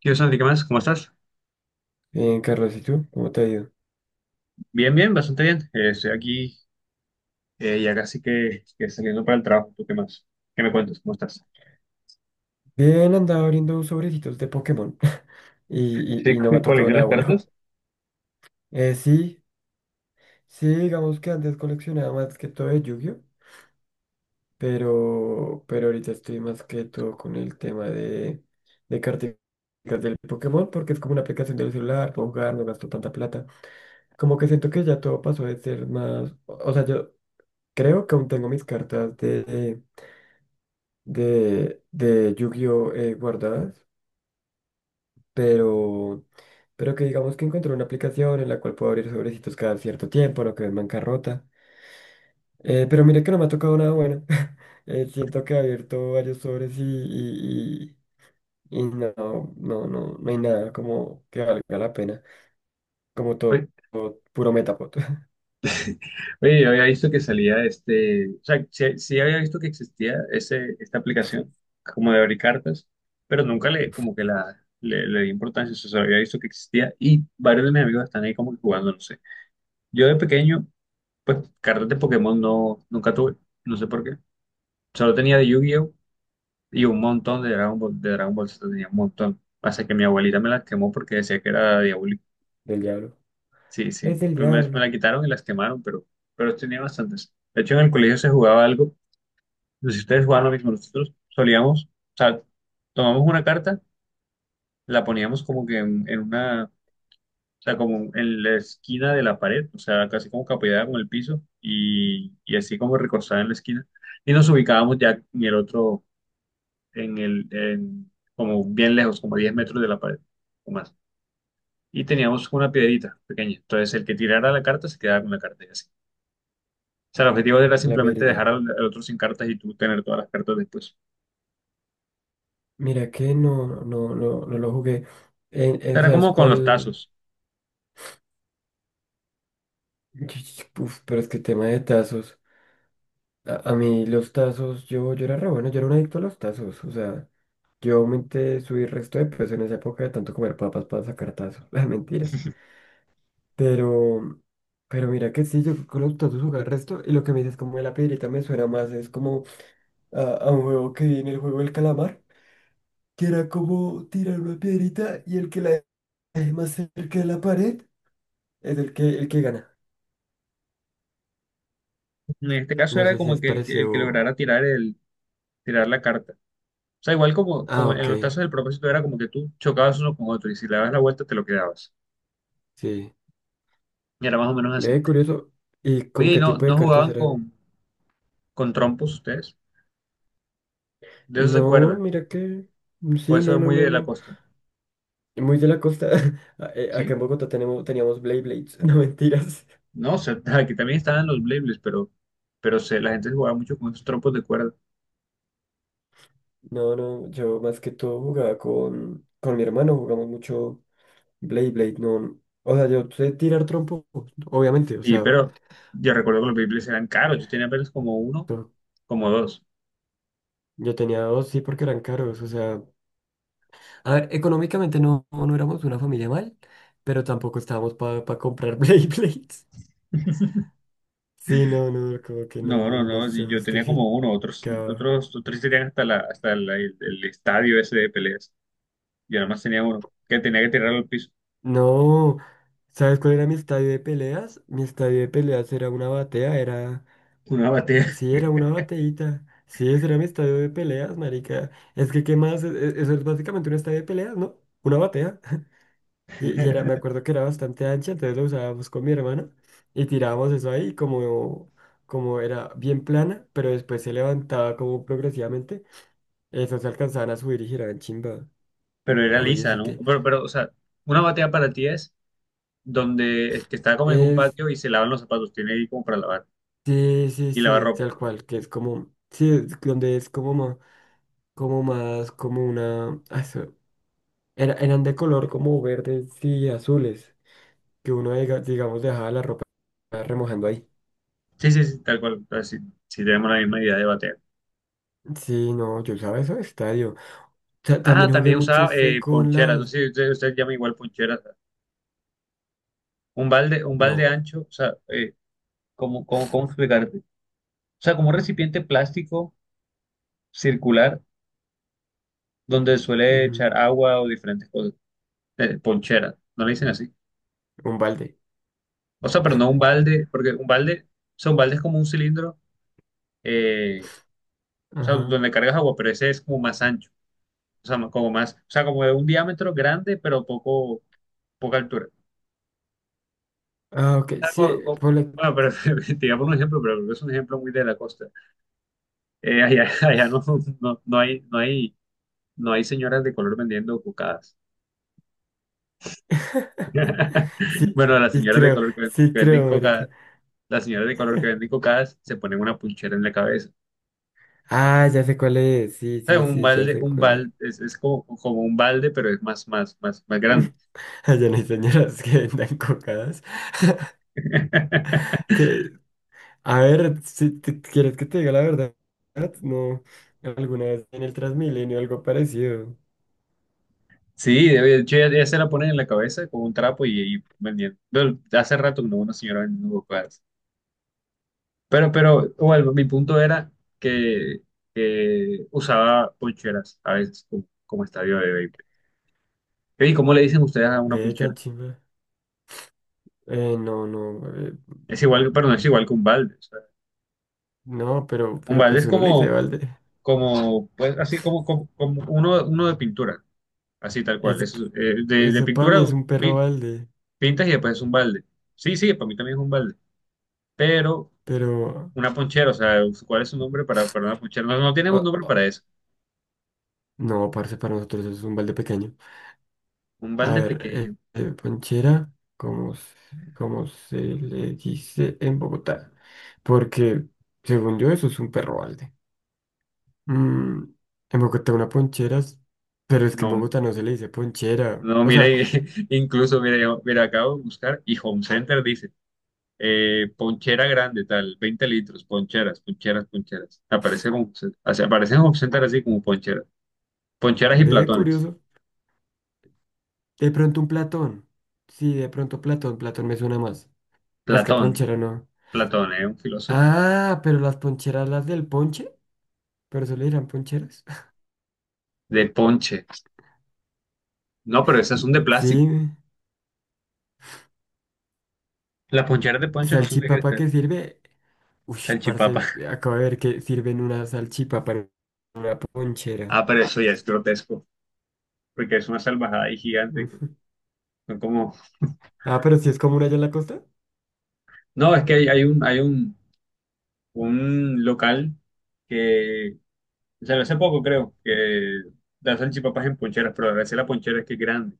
¿Qué onda, Santi? ¿Qué más? ¿Cómo estás? Carlos, ¿y tú? ¿Cómo te ha ido? Bien, bien, bastante bien. Estoy aquí ya casi que saliendo para el trabajo. ¿Tú qué más? ¿Qué me cuentas? ¿Cómo estás? Bien, andaba abriendo sobrecitos de Pokémon y, Sí, y- y no me ha tocado nada coleccionas bueno. cartas. Sí, sí, digamos que antes coleccionaba más que todo de Yu-Gi-Oh, pero ahorita estoy más que todo con el tema de carticas del Pokémon porque es como una aplicación del celular, puedo jugar, no gasto tanta plata. Como que siento que ya todo pasó de ser más, o sea, yo creo que aún tengo mis cartas de Yu-Gi-Oh, guardadas, pero, pero que digamos que encontré una aplicación en la cual puedo abrir sobrecitos cada cierto tiempo, no quedo en bancarrota. Pero mire que no me ha tocado nada bueno. Siento que he abierto varios sobres y no, no, no hay nada como que valga la pena. Como todo, Oye, todo puro metapod oye, yo había visto que salía este, o sea, sí había visto que existía esta aplicación como de abrir cartas, pero nunca le, como que la, le di importancia, o sea, había visto que existía y varios de mis amigos están ahí como que jugando, no sé. Yo de pequeño, pues cartas de Pokémon no, nunca tuve, no sé por qué. Solo tenía de Yu-Gi-Oh! Y un montón de Dragon Ball Z tenía un montón. Pasa que mi abuelita me las quemó porque decía que era diabólico. del diablo. Sí, Es sí. del Primero me diablo, la quitaron y las quemaron, pero tenía bastantes. De hecho, en el colegio se jugaba algo. No sé si ustedes jugaban lo mismo. Nosotros solíamos, o sea, tomamos una carta, la poníamos como que en una, o sea, como en la esquina de la pared, o sea, casi como que apoyada con el piso y así como recostada en la esquina. Y nos ubicábamos ya en el otro. en el, en- Como bien lejos, como a 10 metros de la pared o más. Y teníamos una piedrita pequeña. Entonces, el que tirara la carta se quedaba con la carta y así. O sea, el objetivo era la simplemente dejar verdad. Al otro sin cartas y tú tener todas las cartas después. O Mira que no no lo jugué. Sea, era ¿Sabes como con los cuál? tazos. Uf, pero es que tema de tazos. A mí los tazos, yo era re bueno, yo era un adicto a los tazos, o sea, yo aumenté, subí resto de peso en esa época de tanto comer papas para sacar tazos, las mentiras. Pero, pero mira que sí, yo con los tazos jugaba el resto, y lo que me dices como de la piedrita me suena más, es como a un juego que vi en el juego del calamar, que era como tirar una piedrita y el que la deje más cerca de la pared es el que gana. En este caso No era sé si como es que el que parecido. lograra tirar la carta. O sea, igual como, Ah, como en ok, los tazos el propósito era como que tú chocabas uno con otro y si le dabas la vuelta te lo quedabas. sí. Y era más o menos así. Ve, curioso. ¿Y con Oye, ¿y qué tipo de no cartas jugaban eran? Con trompos ustedes? De eso se No, acuerdan. mira que. O Sí, eso no, es no, muy no, de la no. costa. Muy de la costa. ¿Sí? Acá en Bogotá tenemos, teníamos Blade Blades. No, mentiras. No, sé, aquí también estaban los Beyblades, pero se, la gente jugaba mucho con estos trompos de cuerda. No, no, yo más que todo jugaba con mi hermano, jugamos mucho Blade Blade. No, o sea, yo sé tirar trompo, obviamente. O Y, sea, pero yo recuerdo que los Beyblades eran caros, yo tenía apenas como uno, no, como dos. yo tenía dos, sí, porque eran caros. O sea, a ver, económicamente no éramos una familia mal, pero tampoco estábamos para comprar Blade Blades. Sí, no, no, como que No, no, no no, sí, se yo tenía justificaba. como uno, otros tenían hasta, el estadio ese de peleas. Yo nada más tenía uno, que tenía que tirarlo al piso, No, ¿sabes cuál era mi estadio de peleas? Mi estadio de peleas era una batea, era... una batea. Sí, era una bateíta. Sí, ese era mi estadio de peleas, marica. Es que, ¿qué más? Eso es básicamente un estadio de peleas, ¿no? Una batea. Y era, me acuerdo que era bastante ancha, entonces lo usábamos con mi hermana y tirábamos eso ahí como, como era bien plana, pero después se levantaba como progresivamente. Eso se alcanzaban a subir y giraban chimba. Pero era Ah, oye, lisa, sí ¿no? que... Pero, o sea, una batea para ti es donde, que está como en un patio y se lavan los zapatos, tiene ahí como para lavar, Sí, sí, y lavar sí, ropa. tal cual, que es como, sí, es donde es como más, como más, como una, ah, eso, eran de color como verdes y azules, que uno, digamos, dejaba la ropa remojando ahí. Sí, sí, sí, tal cual. Entonces, sí, sí tenemos la misma idea de batear. Sí, no, yo usaba eso de estadio. Ah, También jugué también mucho, usaba fue con poncheras. No las, sé si usted llama igual poncheras. Un balde no, ancho, o sea, cómo explicarte? O sea, como un recipiente plástico circular donde suele ujú, echar agua o diferentes cosas. Ponchera, no le dicen así. un balde, O sea, pero no un balde, porque un balde, o sea, un balde es como un cilindro, eh, o sea, ajá. donde cargas agua, pero ese es como más ancho. O sea, como más, o sea, como de un diámetro grande, pero poco, poca altura. Ah, ok, Ah, sí, ponle, bueno, pero te iba a poner un ejemplo, pero es un ejemplo muy de la costa. Allá allá no, no, no hay, no hay, no hay señoras de color vendiendo cocadas. sí, Bueno, las señoras de color sí que venden creo, marica. cocadas, las señoras de color que venden cocadas se ponen una punchera en la cabeza. Ah, ya sé cuál es, sí, O sea, sí, sí, ya sé un cuál es. balde, es como, como un balde, pero es más grande. Allá no hay señoras que vendan cocadas. Que, a ver, si te- quieres que te diga la verdad, no. Alguna vez en el Transmilenio algo parecido. Sí, de hecho ya, ya se la ponen en la cabeza con un trapo y vendiendo. Hace rato no, una señora vendiendo cocadas. Pero, bueno, mi punto era que, que usaba poncheras a veces como, como estadio de béisbol. ¿Y cómo le dicen ustedes a una Ve ponchera? tan chimba. Eh, no, no, eh, Es igual, pero no es igual que un balde. O sea, no, un pero balde pues es uno le dice como, balde. como, pues, así como, como, como uno, uno de pintura, así tal cual. Eso, Eso es, de eso para pintura mí es un perro pi- balde. pintas y después es un balde. Sí, sí, para mí también es un balde. Pero Pero, una ponchera, o sea, ¿cuál es su nombre para una ponchera? No, no tienen un ah, nombre ah, para eso. no, parce, para nosotros eso es un balde pequeño. Un A balde ver, pequeño. Ponchera, como, como se le dice en Bogotá. Porque, según yo, eso es un perro balde. Mm, en Bogotá una ponchera, pero es que en No, Bogotá no se le dice ponchera. No, O mira, sea, incluso mira, mira, acabo de buscar y Home Center dice, ponchera grande, tal, 20 litros, poncheras, poncheras, poncheras. Aparece Home Center, o sea, aparece en Home Center así como poncheras. Poncheras y ve, platones. curioso. De pronto un platón. Sí, de pronto platón, platón me suena más. Es que Platón, ponchera no. Platón, es un filósofo Ah, pero las poncheras, las del ponche, pero eso le dirán poncheras. de ponche. No, pero esas son de plástico. Sí. Las poncheras de ponche no son de Salchipapa cristal. que sirve. Uy, Salchipapa. parece, acabo de ver que sirven una salchipapa en una ponchera. Ah, pero eso ya es grotesco, porque es una salvajada y gigante que Ujú. son como... Ah, pero si es común allá en la costa. No, es que hay, hay un local que sea, hace poco creo que da salchipapas en poncheras, pero a veces la ponchera es que es grande.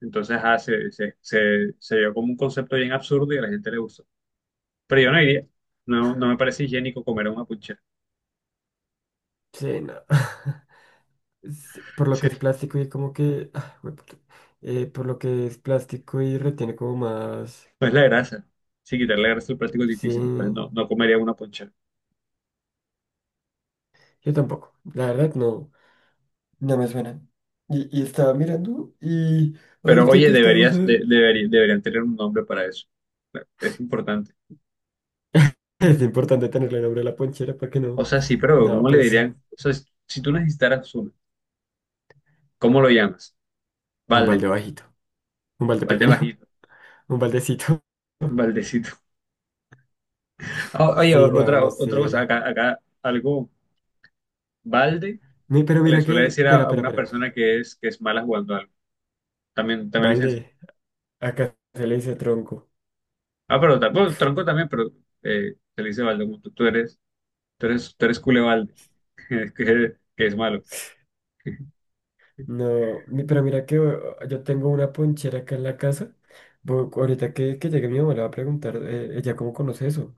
Entonces ah, se vio como un concepto bien absurdo y a la gente le gustó. Pero yo no iría. No, no me parece higiénico comer una ponchera. Sí, no. Sí, por lo que Sí, es plástico y como que, ah, jueputa. Por lo que es plástico y retiene como más. pues la grasa. Sí, quitarle la grasa al plástico es Sí. difícil. Entonces no, no comería una ponchera. Yo tampoco. La verdad, no. No me suena. Y estaba mirando y Pero ahorita oye, que estamos a... deberían tener un nombre para eso. Es importante. Es importante tenerle nombre a la ponchera para que O no. sea, sí, pero No, ¿cómo le pues dirían? O sea, si tú necesitaras uno, ¿cómo lo llamas? un Balde, balde bajito. Un balde balde pequeño, bajito, un baldecito. baldecito. Oye, Sí, no, otra, no otra cosa, sé. acá, acá algo balde Pero se le mira que, suele decir a una espera. persona que es mala jugando algo. También, también le dicen así. Balde, acá se le dice tronco. Ah, pero bueno, tronco también, pero se le dice balde, como tú, tú eres cule balde, que es malo. No, pero mira que yo tengo una ponchera acá en la casa. Ahorita que llegue mi mamá le va a preguntar, ella cómo conoce eso.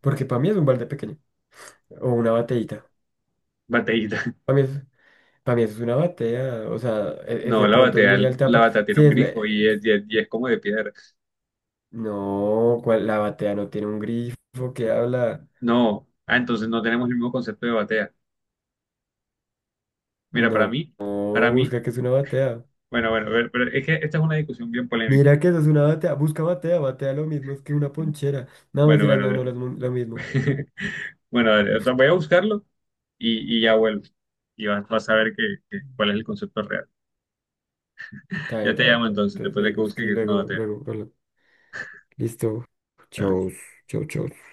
Porque para mí es un balde pequeño o una bateíta. Bateíta. Para mí, pa' mí eso es una batea. O sea, es No, de la pronto es batea, muy alta. la batea tiene Sí, un es, grifo y es, y es como de piedra. no, ¿cuál? La batea no tiene un grifo que habla. No, ah, entonces no tenemos el mismo concepto de batea. Mira, No, no, para mí, busca que es una batea. bueno, bueno, a ver, pero es que esta es una discusión bien polémica. Mira que eso es una batea. Busca batea, batea lo mismo, es que una ponchera. No, Bueno, mentira, no, no bueno, es lo mismo. bueno, dale, o sea, voy a buscarlo y ya vuelvo. Y vas, vas a ver que, cuál es el concepto real. Está bien, Ya te está bien. llamo entonces, Entonces después ve de y que busque busca y que no luego, te. luego, bueno, listo. Dale. Chau, chau, chau.